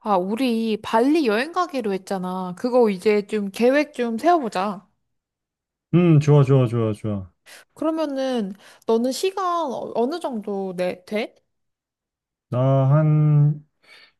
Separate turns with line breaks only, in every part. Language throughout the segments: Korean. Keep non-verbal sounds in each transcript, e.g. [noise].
아, 우리 발리 여행 가기로 했잖아. 그거 이제 좀 계획 좀 세워보자.
좋아, 좋아, 좋아, 좋아.
그러면은 너는 시간 어느 정도 돼?
나 한,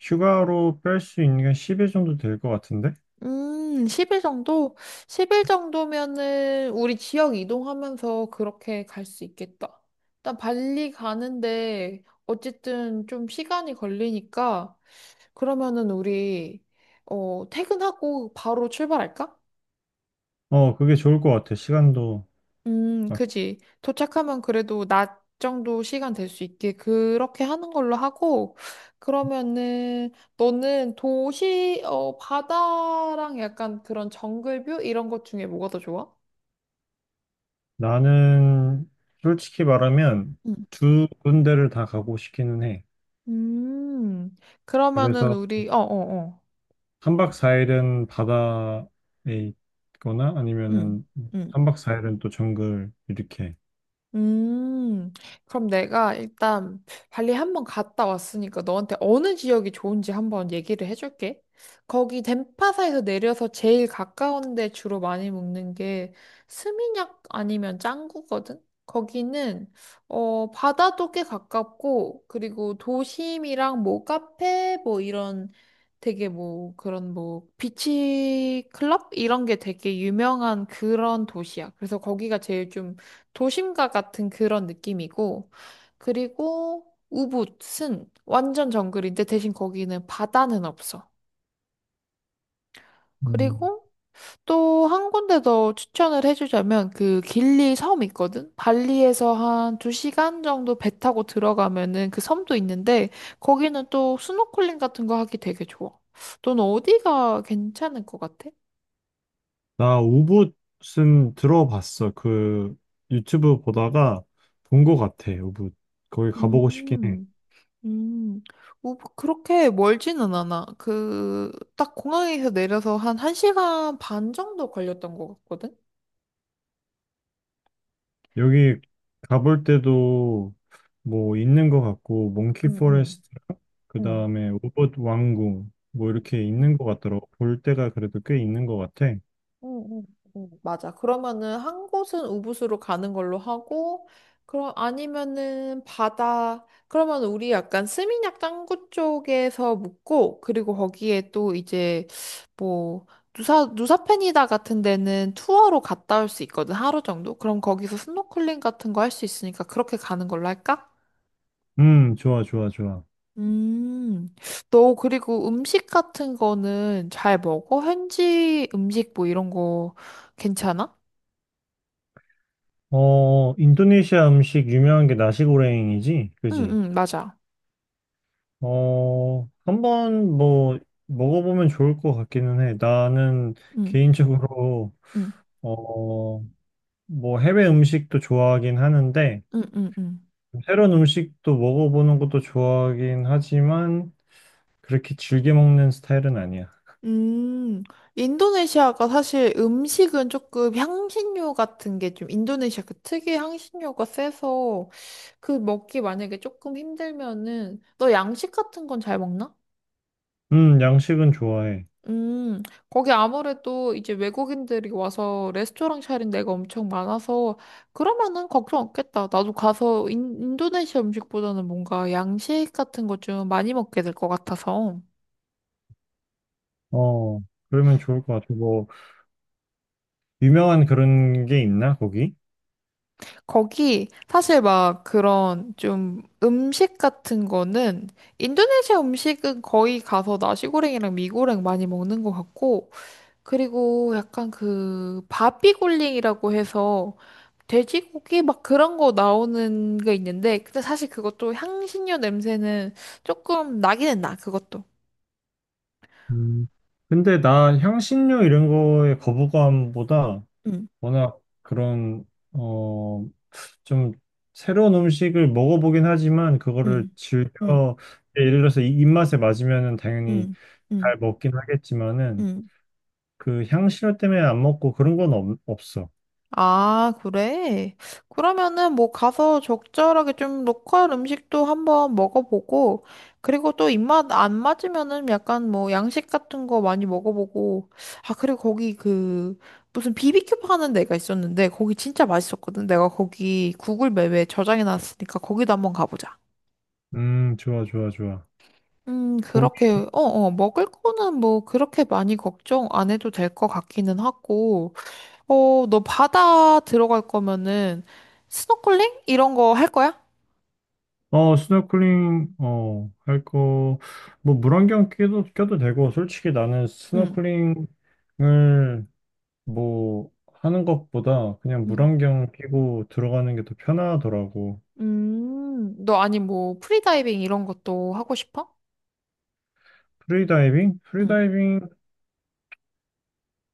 휴가로 뺄 수 있는 게 10일 정도 될 것 같은데?
10일 정도? 10일 정도면은 우리 지역 이동하면서 그렇게 갈 수 있겠다. 일단 발리 가는데 어쨌든 좀 시간이 걸리니까 그러면은 우리 퇴근하고 바로 출발할까?
그게 좋을 것 같아, 시간도. 막.
그지. 도착하면 그래도 낮 정도 시간 될 수 있게 그렇게 하는 걸로 하고, 그러면은 너는 도시, 바다랑 약간 그런 정글뷰 이런 것 중에 뭐가 더 좋아?
나는, 솔직히 말하면,
응,
두 군데를 다 가고 싶기는 해.
음, 음, 그러면은
그래서,
우리, 어.
3박 4일은 바다에 있거나,
응,
아니면은,
응.
3박 4일은 또 정글, 이렇게.
음, 그럼 내가 일단 발리 한번 갔다 왔으니까 너한테 어느 지역이 좋은지 한번 얘기를 해줄게. 거기 덴파사에서 내려서 제일 가까운 데 주로 많이 먹는 게 스미냑 아니면 짱구거든? 거기는, 바다도 꽤 가깝고, 그리고 도심이랑 뭐 카페, 뭐 이런 되게 뭐 그런 뭐 비치 클럽? 이런 게 되게 유명한 그런 도시야. 그래서 거기가 제일 좀 도심가 같은 그런 느낌이고, 그리고 우붓은 완전 정글인데 대신 거기는 바다는 없어. 그리고 또 한 군데 더 추천을 해주자면 그 길리 섬 있거든? 발리에서 한 두시간 정도 배 타고 들어가면은 그 섬도 있는데 거기는 또 스노클링 같은 거 하기 되게 좋아. 넌 어디가 괜찮을 것 같아?
나 우붓은 들어봤어. 그 유튜브 보다가 본 것 같아. 우붓. 거기 가보고 싶긴 해.
음. 음, 뭐, 그렇게 멀지는 않아. 그, 딱 공항에서 내려서 한 1시간 반 정도 걸렸던 것 같거든?
여기 가볼 때도 뭐 있는 것 같고 몽키
응, 응,
포레스트랑
응.
그다음에 우붓 왕궁 뭐 이렇게 있는 것 같더라고. 볼 때가 그래도 꽤 있는 것 같아.
응, 응, 응. 맞아. 그러면은 한 곳은 우붓으로 가는 걸로 하고, 그럼 아니면은 바다, 그러면 우리 약간 스미냑 짱구 쪽에서 묵고, 그리고 거기에 또 이제 뭐, 누사, 누사펜이다 같은 데는 투어로 갔다 올 수 있거든, 하루 정도. 그럼 거기서 스노클링 같은 거 할 수 있으니까 그렇게 가는 걸로 할까?
좋아, 좋아, 좋아.
음, 너 그리고 음식 같은 거는 잘 먹어? 현지 음식 뭐 이런 거 괜찮아?
인도네시아 음식 유명한 게 나시고랭이지?
응
그지?
응 맞아.
한번 뭐 먹어보면 좋을 것 같기는 해. 나는
응.
개인적으로
응.
어, 뭐 해외 음식도 좋아하긴 하는데
응, 응, 응.
새로운 음식도 먹어보는 것도 좋아하긴 하지만 그렇게 즐겨 먹는 스타일은 아니야.
음, 인도네시아가 사실 음식은 조금 향신료 같은 게 좀 인도네시아 그 특유의 향신료가 세서 그 먹기 만약에 조금 힘들면은 너 양식 같은 건 잘 먹나?
양식은 좋아해.
음, 거기 아무래도 이제 외국인들이 와서 레스토랑 차린 데가 엄청 많아서 그러면은 걱정 없겠다. 나도 가서 인도네시아 음식보다는 뭔가 양식 같은 거 좀 많이 먹게 될 것 같아서.
어, 그러면 좋을 것 같아. 뭐 유명한 그런 게 있나 거기?
거기 사실 막 그런 좀 음식 같은 거는 인도네시아 음식은 거의 가서 나시고랭이랑 미고랭 많이 먹는 것 같고 그리고 약간 그 바비굴링이라고 해서 돼지고기 막 그런 거 나오는 게 있는데 근데 사실 그것도 향신료 냄새는 조금 나기는 나 그것도.
음, 근데 나 향신료 이런 거에 거부감보다
응,
워낙 그런 어, 좀 새로운 음식을 먹어보긴 하지만 그거를
응, 응,
즐겨 예, 예를 들어서 이 입맛에 맞으면은 당연히
응,
잘
응,
먹긴 하겠지만은
응.
그 향신료 때문에 안 먹고 그런 건 없어.
아, 그래? 그러면은 뭐 가서 적절하게 좀 로컬 음식도 한번 먹어보고, 그리고 또 입맛 안 맞으면은 약간 뭐 양식 같은 거 많이 먹어보고, 아, 그리고 거기 그 무슨 비비큐 파는 데가 있었는데, 거기 진짜 맛있었거든. 내가 거기 구글 맵에 저장해놨으니까 거기도 한번 가보자.
좋아, 좋아, 좋아. 거기
그렇게, 먹을 거는 뭐 그렇게 많이 걱정 안 해도 될 것 같기는 하고, 너 바다 들어갈 거면은 스노클링 이런 거 할 거야?
스노클링 할 거 뭐 물안경 껴도 되고 솔직히 나는
응.
스노클링을 뭐 하는 것보다 그냥
응.
물안경 끼고 들어가는 게 더 편하더라고.
너 아니 뭐 프리다이빙 이런 것도 하고 싶어?
프리다이빙?
응.
프리다이빙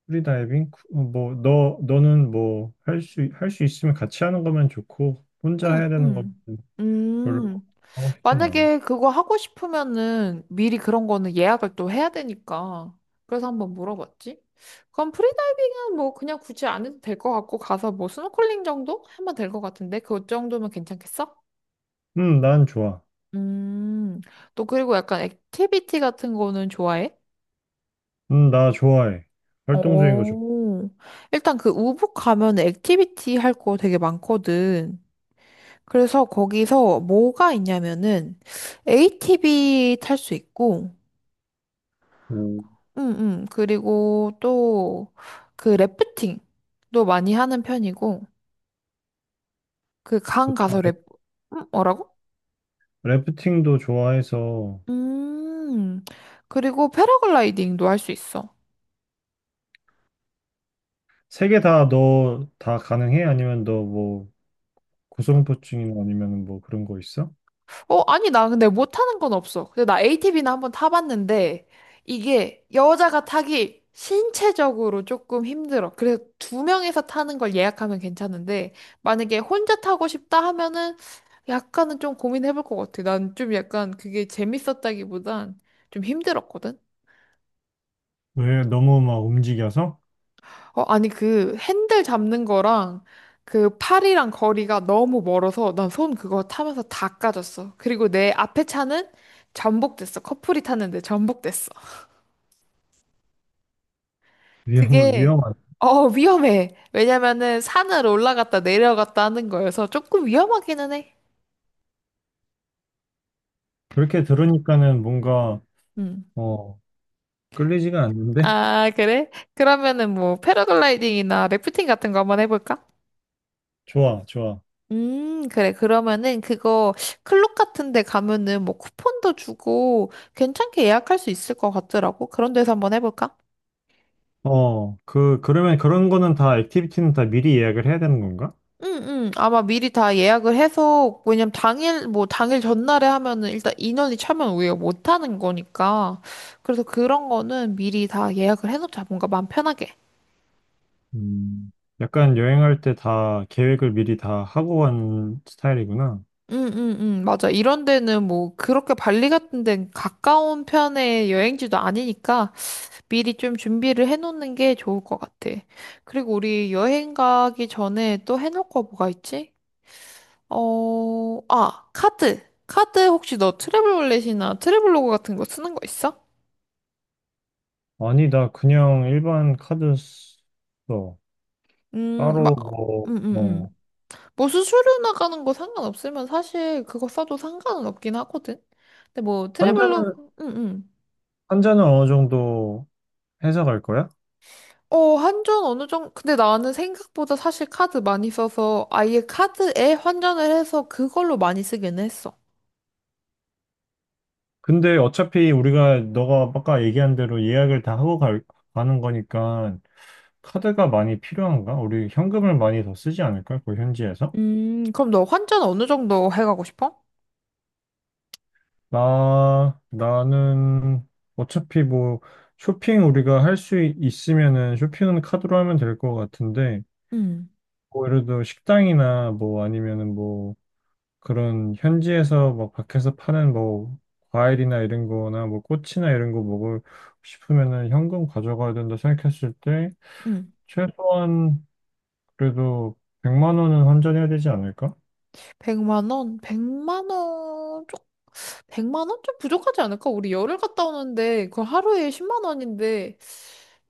프리다이빙? 뭐, 너는 뭐, 할 수 있으면 같이 하는 거면 좋고, 혼자
응,
해야 되는 건
응.
별로
음,
하고 싶진 않아.
만약에 그거 하고 싶으면은 미리 그런 거는 예약을 또 해야 되니까. 그래서 한번 물어봤지. 그럼 프리다이빙은 뭐 그냥 굳이 안 해도 될 것 같고 가서 뭐 스노클링 정도 하면 될 것 같은데 그 정도면 괜찮겠어?
난 좋아.
음, 또 그리고 약간 액티비티 같은 거는 좋아해?
나 좋아해. 활동적인 거 좋고,
오, 일단 그 우붓 가면 액티비티 할 거 되게 많거든. 그래서 거기서 뭐가 있냐면은 ATV 탈 수 있고, 음, 그리고 또 그 래프팅도 많이 하는 편이고, 그 강
좋다.
가서 래, 프 뭐라고?
래프팅도 좋아해서,
음, 그리고 패러글라이딩도 할 수 있어.
세 개 다 너 다 가능해? 아니면 너 뭐, 고소공포증이나 아니면 뭐 그런 거 있어?
아니, 나 근데 못하는 건 없어. 근데 나 ATV는 한번 타봤는데, 이게 여자가 타기 신체적으로 조금 힘들어. 그래서 두 명이서 타는 걸 예약하면 괜찮은데, 만약에 혼자 타고 싶다 하면은 약간은 좀 고민해볼 것 같아. 난 좀 약간 그게 재밌었다기보단 좀 힘들었거든?
왜 너무 막 움직여서?
아니, 그 핸들 잡는 거랑 그 팔이랑 거리가 너무 멀어서 난 손 그거 타면서 다 까졌어. 그리고 내 앞에 차는 전복됐어. 커플이 탔는데 전복됐어. 그게,
위험한.
위험해. 왜냐면은 산을 올라갔다 내려갔다 하는 거여서 조금 위험하기는 해.
그렇게 들으니까는 뭔가,
음.
어, 끌리지가 않는데? [laughs]
아, 그래? 그러면은 뭐 패러글라이딩이나 래프팅 같은 거 한번 해볼까?
좋아, 좋아.
그래. 그러면은 그거 클럽 같은 데 가면은 뭐 쿠폰도 주고 괜찮게 예약할 수 있을 것 같더라고. 그런 데서 한번 해볼까?
그러면 그런 거는 액티비티는 다 미리 예약을 해야 되는 건가?
응, 응. 아마 미리 다 예약을 해서, 왜냐면 당일, 뭐 당일 전날에 하면은 일단 인원이 차면 우리가 못 하는 거니까. 그래서 그런 거는 미리 다 예약을 해놓자. 뭔가 마음 편하게.
음, 약간 여행할 때 다 계획을 미리 다 하고 간 스타일이구나.
응, 응, 응. 맞아. 이런 데는 뭐 그렇게 발리 같은 데는 가까운 편의 여행지도 아니니까 미리 좀 준비를 해놓는 게 좋을 것 같아. 그리고 우리 여행 가기 전에 또 해놓을 거 뭐가 있지? 카드. 카드 혹시 너 트래블 월렛이나 트래블로그 같은 거 쓰는 거 있어?
아니, 나 그냥 일반 카드 써.
막,
따로 뭐,
음, 음,
어.
음. 뭐 수수료 나가는 거 상관없으면 사실 그거 써도 상관은 없긴 하거든. 근데 뭐
환자는,
트래블로그,
환자는 어느 정도 해서 갈 거야?
환전 어느 정도, 근데 나는 생각보다 사실 카드 많이 써서 아예 카드에 환전을 해서 그걸로 많이 쓰긴 했어.
근데 어차피 우리가, 너가 아까 얘기한 대로 예약을 다 하고 가는 거니까 카드가 많이 필요한가? 우리 현금을 많이 더 쓰지 않을까? 그 현지에서?
그럼 너 환전 어느 정도 해가고 싶어?
나는 어차피 뭐 쇼핑 우리가 할 수 있으면은 쇼핑은 카드로 하면 될 것 같은데,
응,
뭐 예를 들어 식당이나 뭐 아니면은 뭐 그런 현지에서 막 밖에서 파는 뭐 과일이나 이런 거나 뭐 꽃이나 이런 거 먹을 싶으면은 현금 가져가야 된다 생각했을 때
응.
최소한 그래도 100만 원은 환전해야 되지 않을까?
100만 원? 100만 원? 좀, 100만 원? 좀 부족하지 않을까? 우리 열흘 갔다 오는데, 그 하루에 10만 원인데,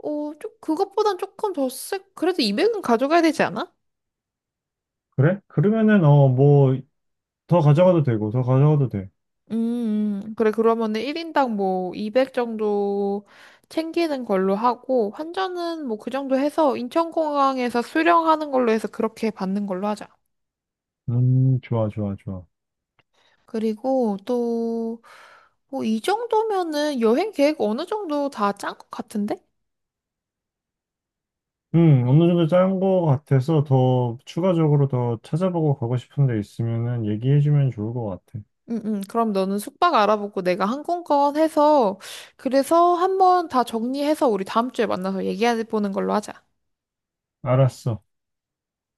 좀, 그것보단 조금 더 쎄, 그래도 200은 가져가야 되지 않아?
그래? 그러면은 뭐 더 가져가도 되고 더 가져가도 돼.
그래, 그러면은 1인당 뭐, 200 정도 챙기는 걸로 하고, 환전은 뭐, 그 정도 해서, 인천공항에서 수령하는 걸로 해서 그렇게 받는 걸로 하자.
좋아, 좋아, 좋아.
그리고 또, 뭐, 이 정도면은 여행 계획 어느 정도 다 짠 것 같은데?
어느 정도 짠 거 같아서 더 추가적으로 더 찾아보고 가고 싶은 데 있으면은 얘기해주면 좋을 것 같아.
응, 응. 그럼 너는 숙박 알아보고 내가 항공권 해서, 그래서 한번 다 정리해서 우리 다음 주에 만나서 얘기해 보는 걸로 하자.
알았어.